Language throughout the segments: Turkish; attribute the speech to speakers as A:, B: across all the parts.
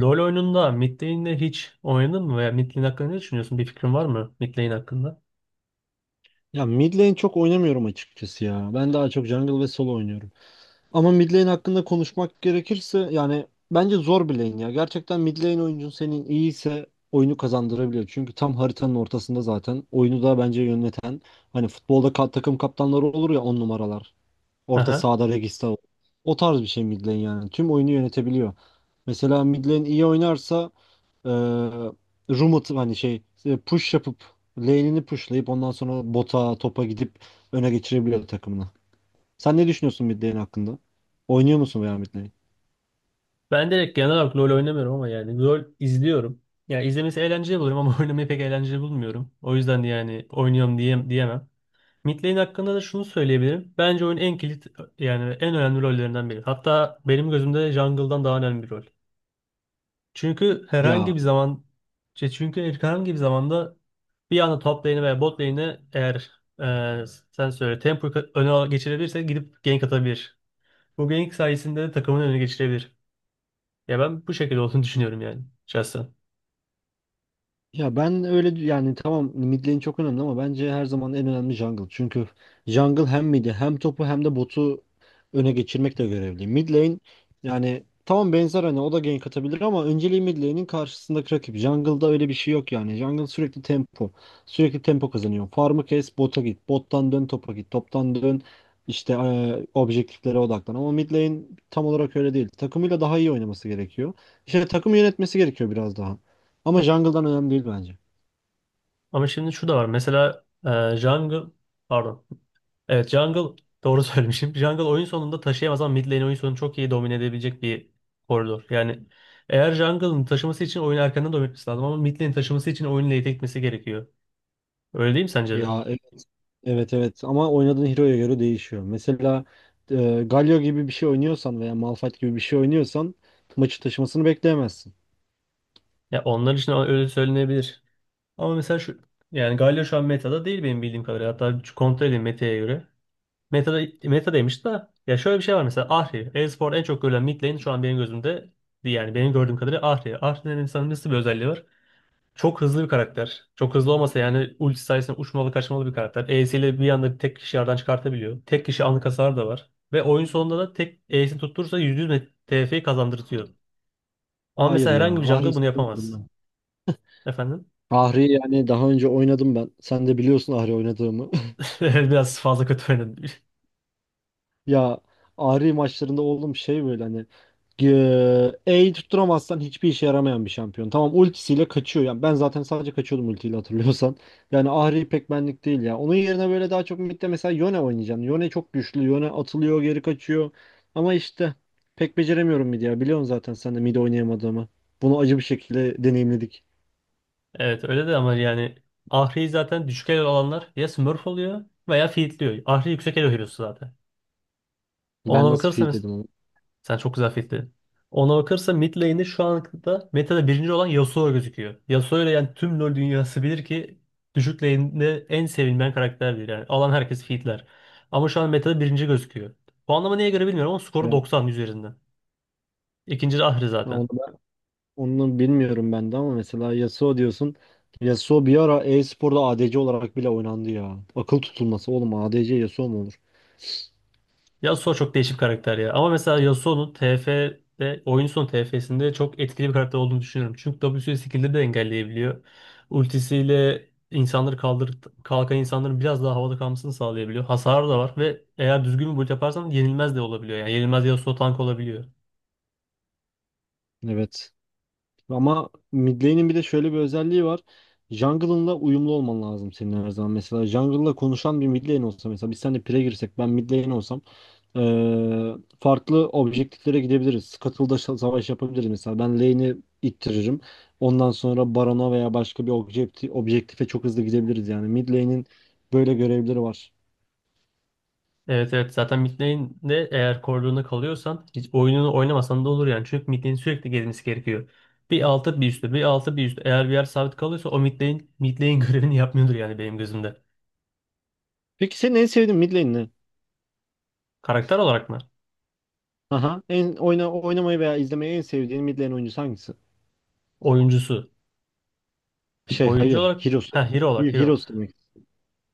A: LoL oyununda mid lane'le hiç oynadın mı veya mid lane hakkında ne düşünüyorsun? Bir fikrin var mı mid lane hakkında?
B: Ya, mid lane çok oynamıyorum açıkçası ya. Ben daha çok jungle ve solo oynuyorum. Ama mid lane hakkında konuşmak gerekirse yani bence zor bir lane ya. Gerçekten mid lane oyuncun senin iyiyse oyunu kazandırabiliyor. Çünkü tam haritanın ortasında zaten oyunu da bence yöneten, hani futbolda takım kaptanları olur ya, on numaralar. Orta
A: Aha.
B: sahada Regista, O tarz bir şey mid lane yani. Tüm oyunu yönetebiliyor. Mesela mid lane iyi oynarsa, e, roam atıp, hani şey, push yapıp, lane'ini pushlayıp ondan sonra bota, topa gidip öne geçirebiliyor takımını. Sen ne düşünüyorsun mid lane hakkında? Oynuyor musun veya mid lane?
A: Ben direkt genel olarak LoL oynamıyorum ama yani LoL izliyorum. Ya izlemesi eğlenceli buluyorum ama oynamayı pek eğlenceli bulmuyorum. O yüzden de yani oynuyorum diyemem. Mid lane hakkında da şunu söyleyebilirim. Bence oyunun en kilit yani en önemli rollerinden biri. Hatta benim gözümde jungle'dan daha önemli bir rol. Çünkü
B: Ya
A: herhangi bir zaman çünkü herhangi bir zamanda bir anda top lane'e veya bot lane'e eğer e, sen söyle tempo öne geçirebilirse gidip gank atabilir. Bu gank sayesinde de takımın öne geçirebilir. Ya ben bu şekilde olduğunu düşünüyorum yani şahsen.
B: Ya ben öyle yani, tamam, mid lane çok önemli ama bence her zaman en önemli jungle. Çünkü jungle hem mid'i hem topu hem de botu öne geçirmekle görevli. Mid lane, yani tamam, benzer hani, o da gank atabilir ama önceliği mid lane'in karşısındaki rakip. Jungle'da öyle bir şey yok yani. Jungle sürekli tempo. Sürekli tempo kazanıyor. Farm'ı kes, bota git. Bottan dön topa git. Toptan dön işte objektiflere odaklan. Ama mid lane tam olarak öyle değil. Takımıyla daha iyi oynaması gerekiyor. İşte takım yönetmesi gerekiyor biraz daha. Ama jungle'dan önemli değil bence.
A: Ama şimdi şu da var. Mesela jungle, pardon. Evet, jungle doğru söylemişim. Jungle oyun sonunda taşıyamaz ama mid lane oyun sonunu çok iyi domine edebilecek bir koridor. Yani eğer jungle'ın taşıması için oyunu erkenden domine etmesi lazım ama mid lane taşıması için oyunu late etmesi gerekiyor. Öyle değil mi sence de?
B: Ya, evet. Evet, evet, ama oynadığın hero'ya göre değişiyor. Mesela Galio gibi bir şey oynuyorsan veya Malphite gibi bir şey oynuyorsan maçı taşımasını bekleyemezsin.
A: Ya onlar için öyle söylenebilir. Ama mesela şu yani Galio şu an meta'da değil benim bildiğim kadarıyla. Hatta şu kontrol edeyim meta'ya göre. Meta'da meta'daymış da ya şöyle bir şey var mesela Ahri. Elsport en çok görülen mid lane şu an benim gözümde yani benim gördüğüm kadarıyla Ahri. Ahri'nin insanın nasıl bir özelliği var? Çok hızlı bir karakter. Çok hızlı olmasa yani ulti sayesinde uçmalı kaçmalı bir karakter. E'siyle bir anda tek kişi yardan çıkartabiliyor. Tek kişi anlık hasar da var. Ve oyun sonunda da tek E'sini tutturursa %100 TF'yi kazandırtıyor. Ama
B: Hayır
A: mesela
B: ya,
A: herhangi bir
B: Ahri
A: jungle bunu
B: istemiyorum
A: yapamaz.
B: ben.
A: Efendim?
B: Ahri, yani daha önce oynadım ben. Sen de biliyorsun Ahri oynadığımı.
A: Biraz fazla kötü oynadım.
B: Ya, Ahri maçlarında oğlum şey, böyle hani E'yi tutturamazsan hiçbir işe yaramayan bir şampiyon. Tamam, ultisiyle kaçıyor. Yani ben zaten sadece kaçıyordum ultiyle, hatırlıyorsan. Yani Ahri pek benlik değil ya. Onun yerine böyle, daha çok midde mesela Yone oynayacaksın. Yone çok güçlü. Yone atılıyor, geri kaçıyor. Ama işte pek beceremiyorum midi ya. Biliyorsun zaten sen de mid oynayamadığımı. Bunu acı bir şekilde deneyimledik.
A: Evet öyle de ama yani Ahri'yi zaten düşük elo olanlar ya Smurf oluyor veya feedliyor. Ahri yüksek elo hero'su zaten.
B: Ben
A: Ona
B: nasıl
A: bakırsa mes-
B: feedledim onu.
A: Sen çok güzel feedledin. Ona bakırsa mid lane'de şu anda metada birinci olan Yasuo gözüküyor. Yasuo ile yani tüm LoL dünyası bilir ki düşük lane'de en sevilmeyen karakterdir. Yani alan herkes feedler. Ama şu an metada birinci gözüküyor. Puanlama neye göre bilmiyorum ama skoru
B: Ya,
A: 90 üzerinden. İkinci de Ahri zaten.
B: onu Onu bilmiyorum ben de ama mesela Yasuo diyorsun. Yasuo bir ara e-sporda ADC olarak bile oynandı ya. Akıl tutulması oğlum, ADC Yasuo mu olur?
A: Yasuo çok değişik bir karakter ya. Ama mesela Yasuo'nun oyun son TF'sinde çok etkili bir karakter olduğunu düşünüyorum. Çünkü W'si skill'de de engelleyebiliyor. Ultisiyle insanları kaldır kalkan insanların biraz daha havada kalmasını sağlayabiliyor. Hasarı da var ve eğer düzgün bir build yaparsan yenilmez de olabiliyor. Yani yenilmez Yasuo tank olabiliyor.
B: Evet. Ama mid lane'in bir de şöyle bir özelliği var. Jungle'ınla uyumlu olman lazım senin her zaman. Mesela jungle'la konuşan bir mid lane olsa, mesela biz seninle pire girsek, ben mid lane olsam, Ee, farklı objektiflere gidebiliriz. Scuttle'da savaş yapabiliriz mesela. Ben lane'i ittiririm. Ondan sonra Baron'a veya başka bir objektife çok hızlı gidebiliriz yani. Mid lane'in böyle görevleri var.
A: Evet, evet, zaten mid lane'de eğer koridoruna kalıyorsan hiç oyununu oynamasan da olur yani. Çünkü mid lane'in sürekli gelmesi gerekiyor. Bir altı bir üstü, bir altı bir üstü. Eğer bir yer sabit kalıyorsa o mid lane, mid lane görevini yapmıyordur yani benim gözümde.
B: Peki senin en sevdiğin mid lane ne?
A: Karakter olarak mı?
B: Aha. En oynamayı veya izlemeyi en sevdiğin mid lane oyuncusu hangisi?
A: Oyuncusu.
B: Şey,
A: Oyuncu
B: hayır,
A: olarak,
B: Heroes'u.
A: ha, hero olarak hero.
B: Heroes demek.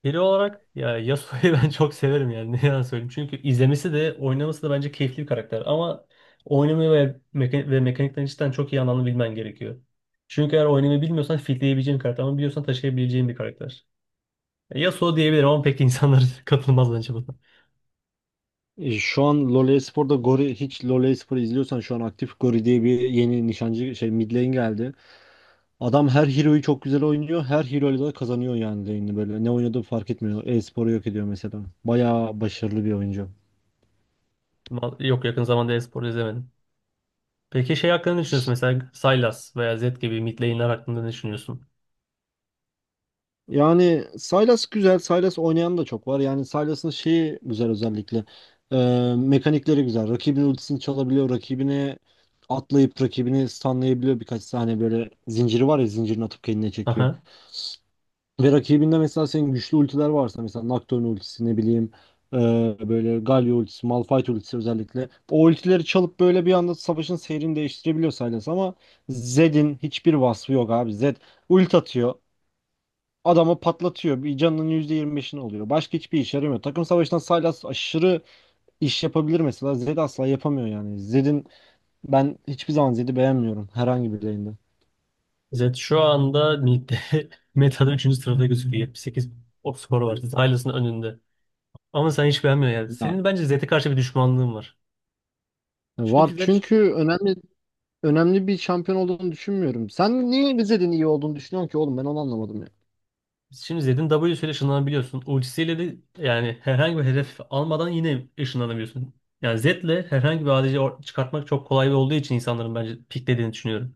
A: Hero olarak ya Yasuo'yu ben çok severim yani ne yalan söyleyeyim. Çünkü izlemesi de oynaması da bence keyifli bir karakter. Ama oynamayı ve mekanikten cidden çok iyi anlamını bilmen gerekiyor. Çünkü eğer oynamayı bilmiyorsan fitleyebileceğin karakter ama biliyorsan taşıyabileceğin bir karakter. Yasuo diyebilirim ama pek insanlar katılmaz bence buna.
B: Şu an LoL Espor'da Gori, hiç LoL Espor'u izliyorsan, şu an aktif Gori diye bir yeni nişancı şey mid lane geldi. Adam her hero'yu çok güzel oynuyor. Her hero'yla da kazanıyor yani lane'i böyle. Ne oynadığı fark etmiyor. E-sporu yok ediyor mesela. Bayağı başarılı bir oyuncu.
A: Yok, yakın zamanda e-spor izlemedim. Peki şey hakkında ne düşünüyorsun mesela Sylas veya Zed gibi mid lane'ler hakkında ne düşünüyorsun?
B: Yani Sylas güzel. Sylas oynayan da çok var. Yani Sylas'ın şeyi güzel özellikle. Mekanikleri güzel. Rakibin ultisini çalabiliyor. Rakibine atlayıp rakibini stunlayabiliyor birkaç saniye, böyle zinciri var ya, zincirini atıp kendine çekiyor. Ve rakibinde mesela senin güçlü ultiler varsa, mesela Nocturne ultisi, ne bileyim, e, böyle Galio ultisi, Malphite ultisi özellikle. O ultileri çalıp böyle bir anda savaşın seyrini değiştirebiliyor Sylas, ama Zed'in hiçbir vasfı yok abi. Zed ult atıyor. Adamı patlatıyor. Bir canının %25'ini oluyor. Başka hiçbir işe yaramıyor. Takım savaşında Sylas aşırı iş yapabilir mesela. Zed asla yapamıyor yani. Zed'in, ben hiçbir zaman Zed'i beğenmiyorum herhangi bir lane'de.
A: Zed şu anda ligde, meta'da üçüncü sırada gözüküyor. 78 o skor var. Zed önünde. Ama sen hiç beğenmiyorsun yani.
B: Ya,
A: Senin bence Zed'e karşı bir düşmanlığın var.
B: var,
A: Çünkü
B: çünkü önemli bir şampiyon olduğunu düşünmüyorum. Sen niye Rize'nin iyi olduğunu düşünüyorsun ki oğlum, ben onu anlamadım ya.
A: şimdi Zed'in W'su ile ışınlanabiliyorsun. Ultisiyle de yani herhangi bir hedef almadan yine ışınlanabiliyorsun. Yani Zed'le herhangi bir ADC çıkartmak çok kolay olduğu için insanların bence piklediğini düşünüyorum.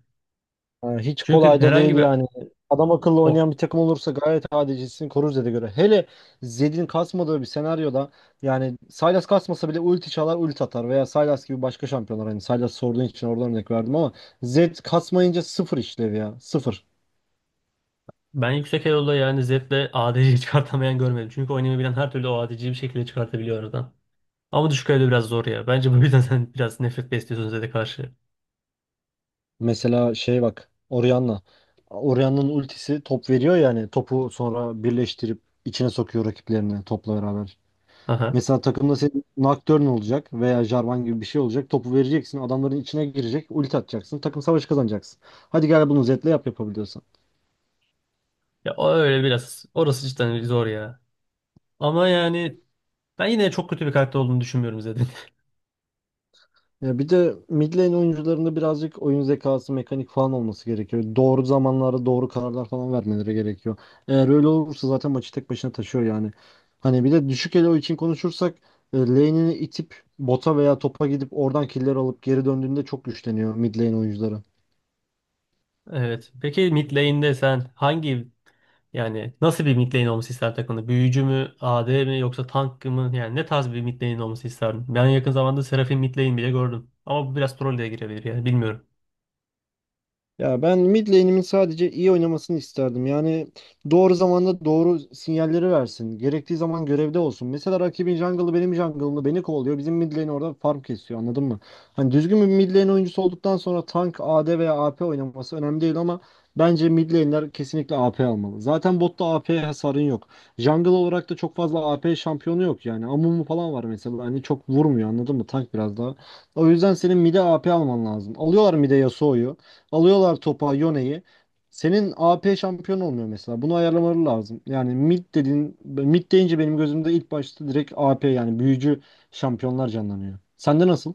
B: Ha, hiç
A: Çünkü
B: kolay da değil
A: herhangi bir
B: yani. Adam akıllı
A: o
B: oynayan bir takım olursa gayet adilcisini korur Zed'e göre. Hele Zed'in kasmadığı bir senaryoda, yani Sylas kasmasa bile ulti çalar, ulti atar, veya Sylas gibi başka şampiyonlar, hani Sylas sorduğun için oradan örnek verdim ama Zed kasmayınca sıfır işlev, ya, sıfır.
A: Ben yüksek elo'da yani Zed'le ADC çıkartamayan görmedim. Çünkü oynayabilen her türlü o ADC'yi bir şekilde çıkartabiliyor. Ama düşük kaloride biraz zor ya. Bence bu yüzden sen biraz nefret besliyorsun Zed'e karşı.
B: Mesela şey, bak, Orianna. Orianna'nın ultisi top veriyor, yani topu sonra birleştirip içine sokuyor rakiplerini topla beraber.
A: Aha.
B: Mesela takımda senin Nocturne olacak veya Jarvan gibi bir şey olacak. Topu vereceksin, adamların içine girecek, ulti atacaksın, takım savaşı kazanacaksın. Hadi gel bunu Zed'le yap, yapabiliyorsan.
A: Ya o öyle biraz. Orası cidden zor ya. Ama yani ben yine çok kötü bir karakter olduğunu düşünmüyorum Zed'in.
B: Ya bir de mid lane oyuncularında birazcık oyun zekası, mekanik falan olması gerekiyor. Doğru zamanlarda doğru kararlar falan vermeleri gerekiyor. Eğer öyle olursa zaten maçı tek başına taşıyor yani. Hani bir de düşük elo için konuşursak, lane'ini itip bota veya topa gidip oradan killer alıp geri döndüğünde çok güçleniyor mid lane oyuncuları.
A: Evet. Peki mid lane'de sen hangi yani nasıl bir mid lane olması isterdin takımda? Büyücü mü, AD mi yoksa tank mı? Yani ne tarz bir mid lane olması isterdin? Ben yakın zamanda Seraphine mid lane bile gördüm. Ama bu biraz troll de girebilir yani bilmiyorum.
B: Ya, ben mid lane'imin sadece iyi oynamasını isterdim. Yani doğru zamanda doğru sinyalleri versin. Gerektiği zaman görevde olsun. Mesela rakibin jungle'ı benim jungle'ımı, beni kovalıyor. Bizim mid lane orada farm kesiyor, anladın mı? Hani düzgün bir mid lane oyuncusu olduktan sonra tank, AD veya AP oynaması önemli değil, ama bence mid lane'ler kesinlikle AP almalı. Zaten botta AP hasarın yok. Jungle olarak da çok fazla AP şampiyonu yok yani. Amumu falan var mesela. Hani çok vurmuyor, anladın mı? Tank biraz daha. O yüzden senin mid'e AP alman lazım. Alıyorlar mid'e Yasuo'yu. Alıyorlar topa Yone'yi. Senin AP şampiyon olmuyor mesela. Bunu ayarlamaları lazım. Yani mid dediğin, mid deyince benim gözümde ilk başta direkt AP, yani büyücü şampiyonlar canlanıyor. Sende nasıl?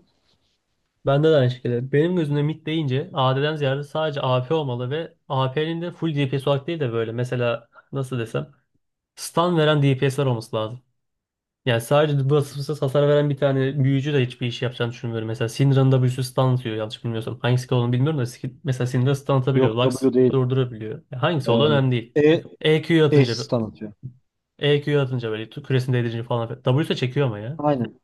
A: Bende de aynı şekilde. Benim gözümde mid deyince AD'den ziyade sadece AP olmalı ve AP'nin de full DPS olarak değil de böyle mesela nasıl desem stun veren DPS'ler olması lazım. Yani sadece basımsız hasar veren bir tane büyücü de hiçbir iş yapacağını düşünmüyorum. Mesela Syndra'nın da bir sürü stun atıyor yanlış bilmiyorsam. Hangisi ki olduğunu bilmiyorum da mesela Syndra stun atabiliyor.
B: Yok,
A: Lux
B: W değil.
A: durdurabiliyor. Yani hangisi olduğu
B: Ee,
A: önemli değil.
B: E,
A: EQ
B: E
A: atınca
B: stun atıyor.
A: EQ atınca böyle küresini değdirince falan. W'de çekiyor ama ya.
B: Aynen.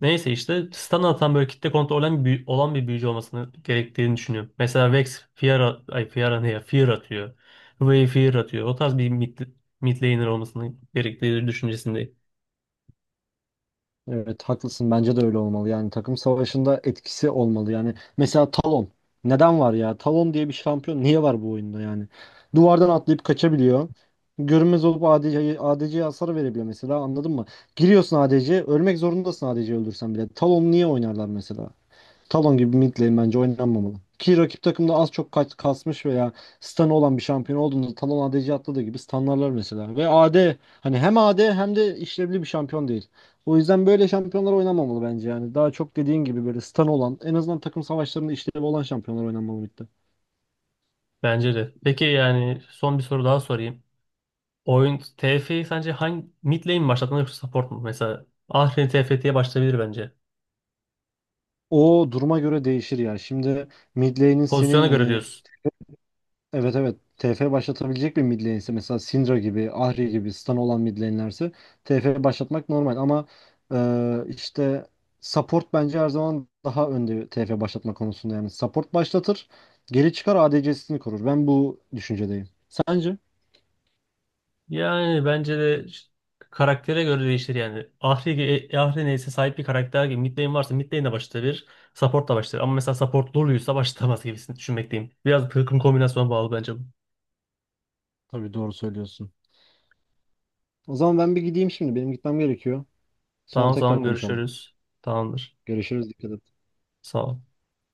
A: Neyse işte stun atan böyle kitle kontrolü olan bir büyücü olmasını gerektiğini düşünüyorum. Mesela Vex Fear, ay Fear ne ya? Fear atıyor. Huey Fear atıyor. O tarz bir mid laner olmasını gerektiği düşüncesindeyim.
B: Evet, haklısın, bence de öyle olmalı, yani takım savaşında etkisi olmalı. Yani mesela Talon, neden var ya Talon diye bir şampiyon, niye var bu oyunda yani? Duvardan atlayıp kaçabiliyor, görünmez olup ADC'ye hasar verebiliyor mesela, anladın mı? Giriyorsun ADC'ye, ölmek zorundasın, ADC'yi öldürsen bile. Talon niye oynarlar mesela? Talon gibi mid lane bence oynanmamalı. Ki rakip takımda az çok kaç kasmış veya stun'ı olan bir şampiyon olduğunda Talon ADC atladığı gibi stunlarlar mesela. Ve AD, hani hem AD hem de işlevli bir şampiyon değil. O yüzden böyle şampiyonlar oynanmamalı bence yani. Daha çok dediğin gibi böyle stun olan, en azından takım savaşlarında işlevi olan şampiyonlar oynanmalı midde.
A: Bence de. Peki yani son bir soru daha sorayım. Oyun TF'yi sence hangi mid lane mi başlatmalı yoksa support mu? Mesela Ahri TFT'ye başlayabilir bence.
B: O duruma göre değişir ya. Şimdi mid lane'in senin,
A: Pozisyona göre
B: hani,
A: diyorsun.
B: evet, evet. TF başlatabilecek bir mid lane'se, mesela Syndra gibi, Ahri gibi, stun olan mid lane'lerse TF başlatmak normal ama, işte, support bence her zaman daha önde TF başlatma konusunda yani. Support başlatır, geri çıkar, ADC'sini korur. Ben bu düşüncedeyim. Sence?
A: Yani bence de karaktere göre değişir yani. Ahri neyse sahip bir karakter gibi. Mid varsa mid lane de başlayabilir. Support da başlar. Ama mesela support Lulu'ysa başlamaz gibisini düşünmekteyim. Biraz takım kombinasyona bağlı bence bu.
B: Tabii, doğru söylüyorsun. O zaman ben bir gideyim şimdi. Benim gitmem gerekiyor. Sonra
A: Tamam o
B: tekrar
A: zaman
B: konuşalım.
A: görüşürüz. Tamamdır.
B: Görüşürüz. Dikkat et.
A: Sağ ol.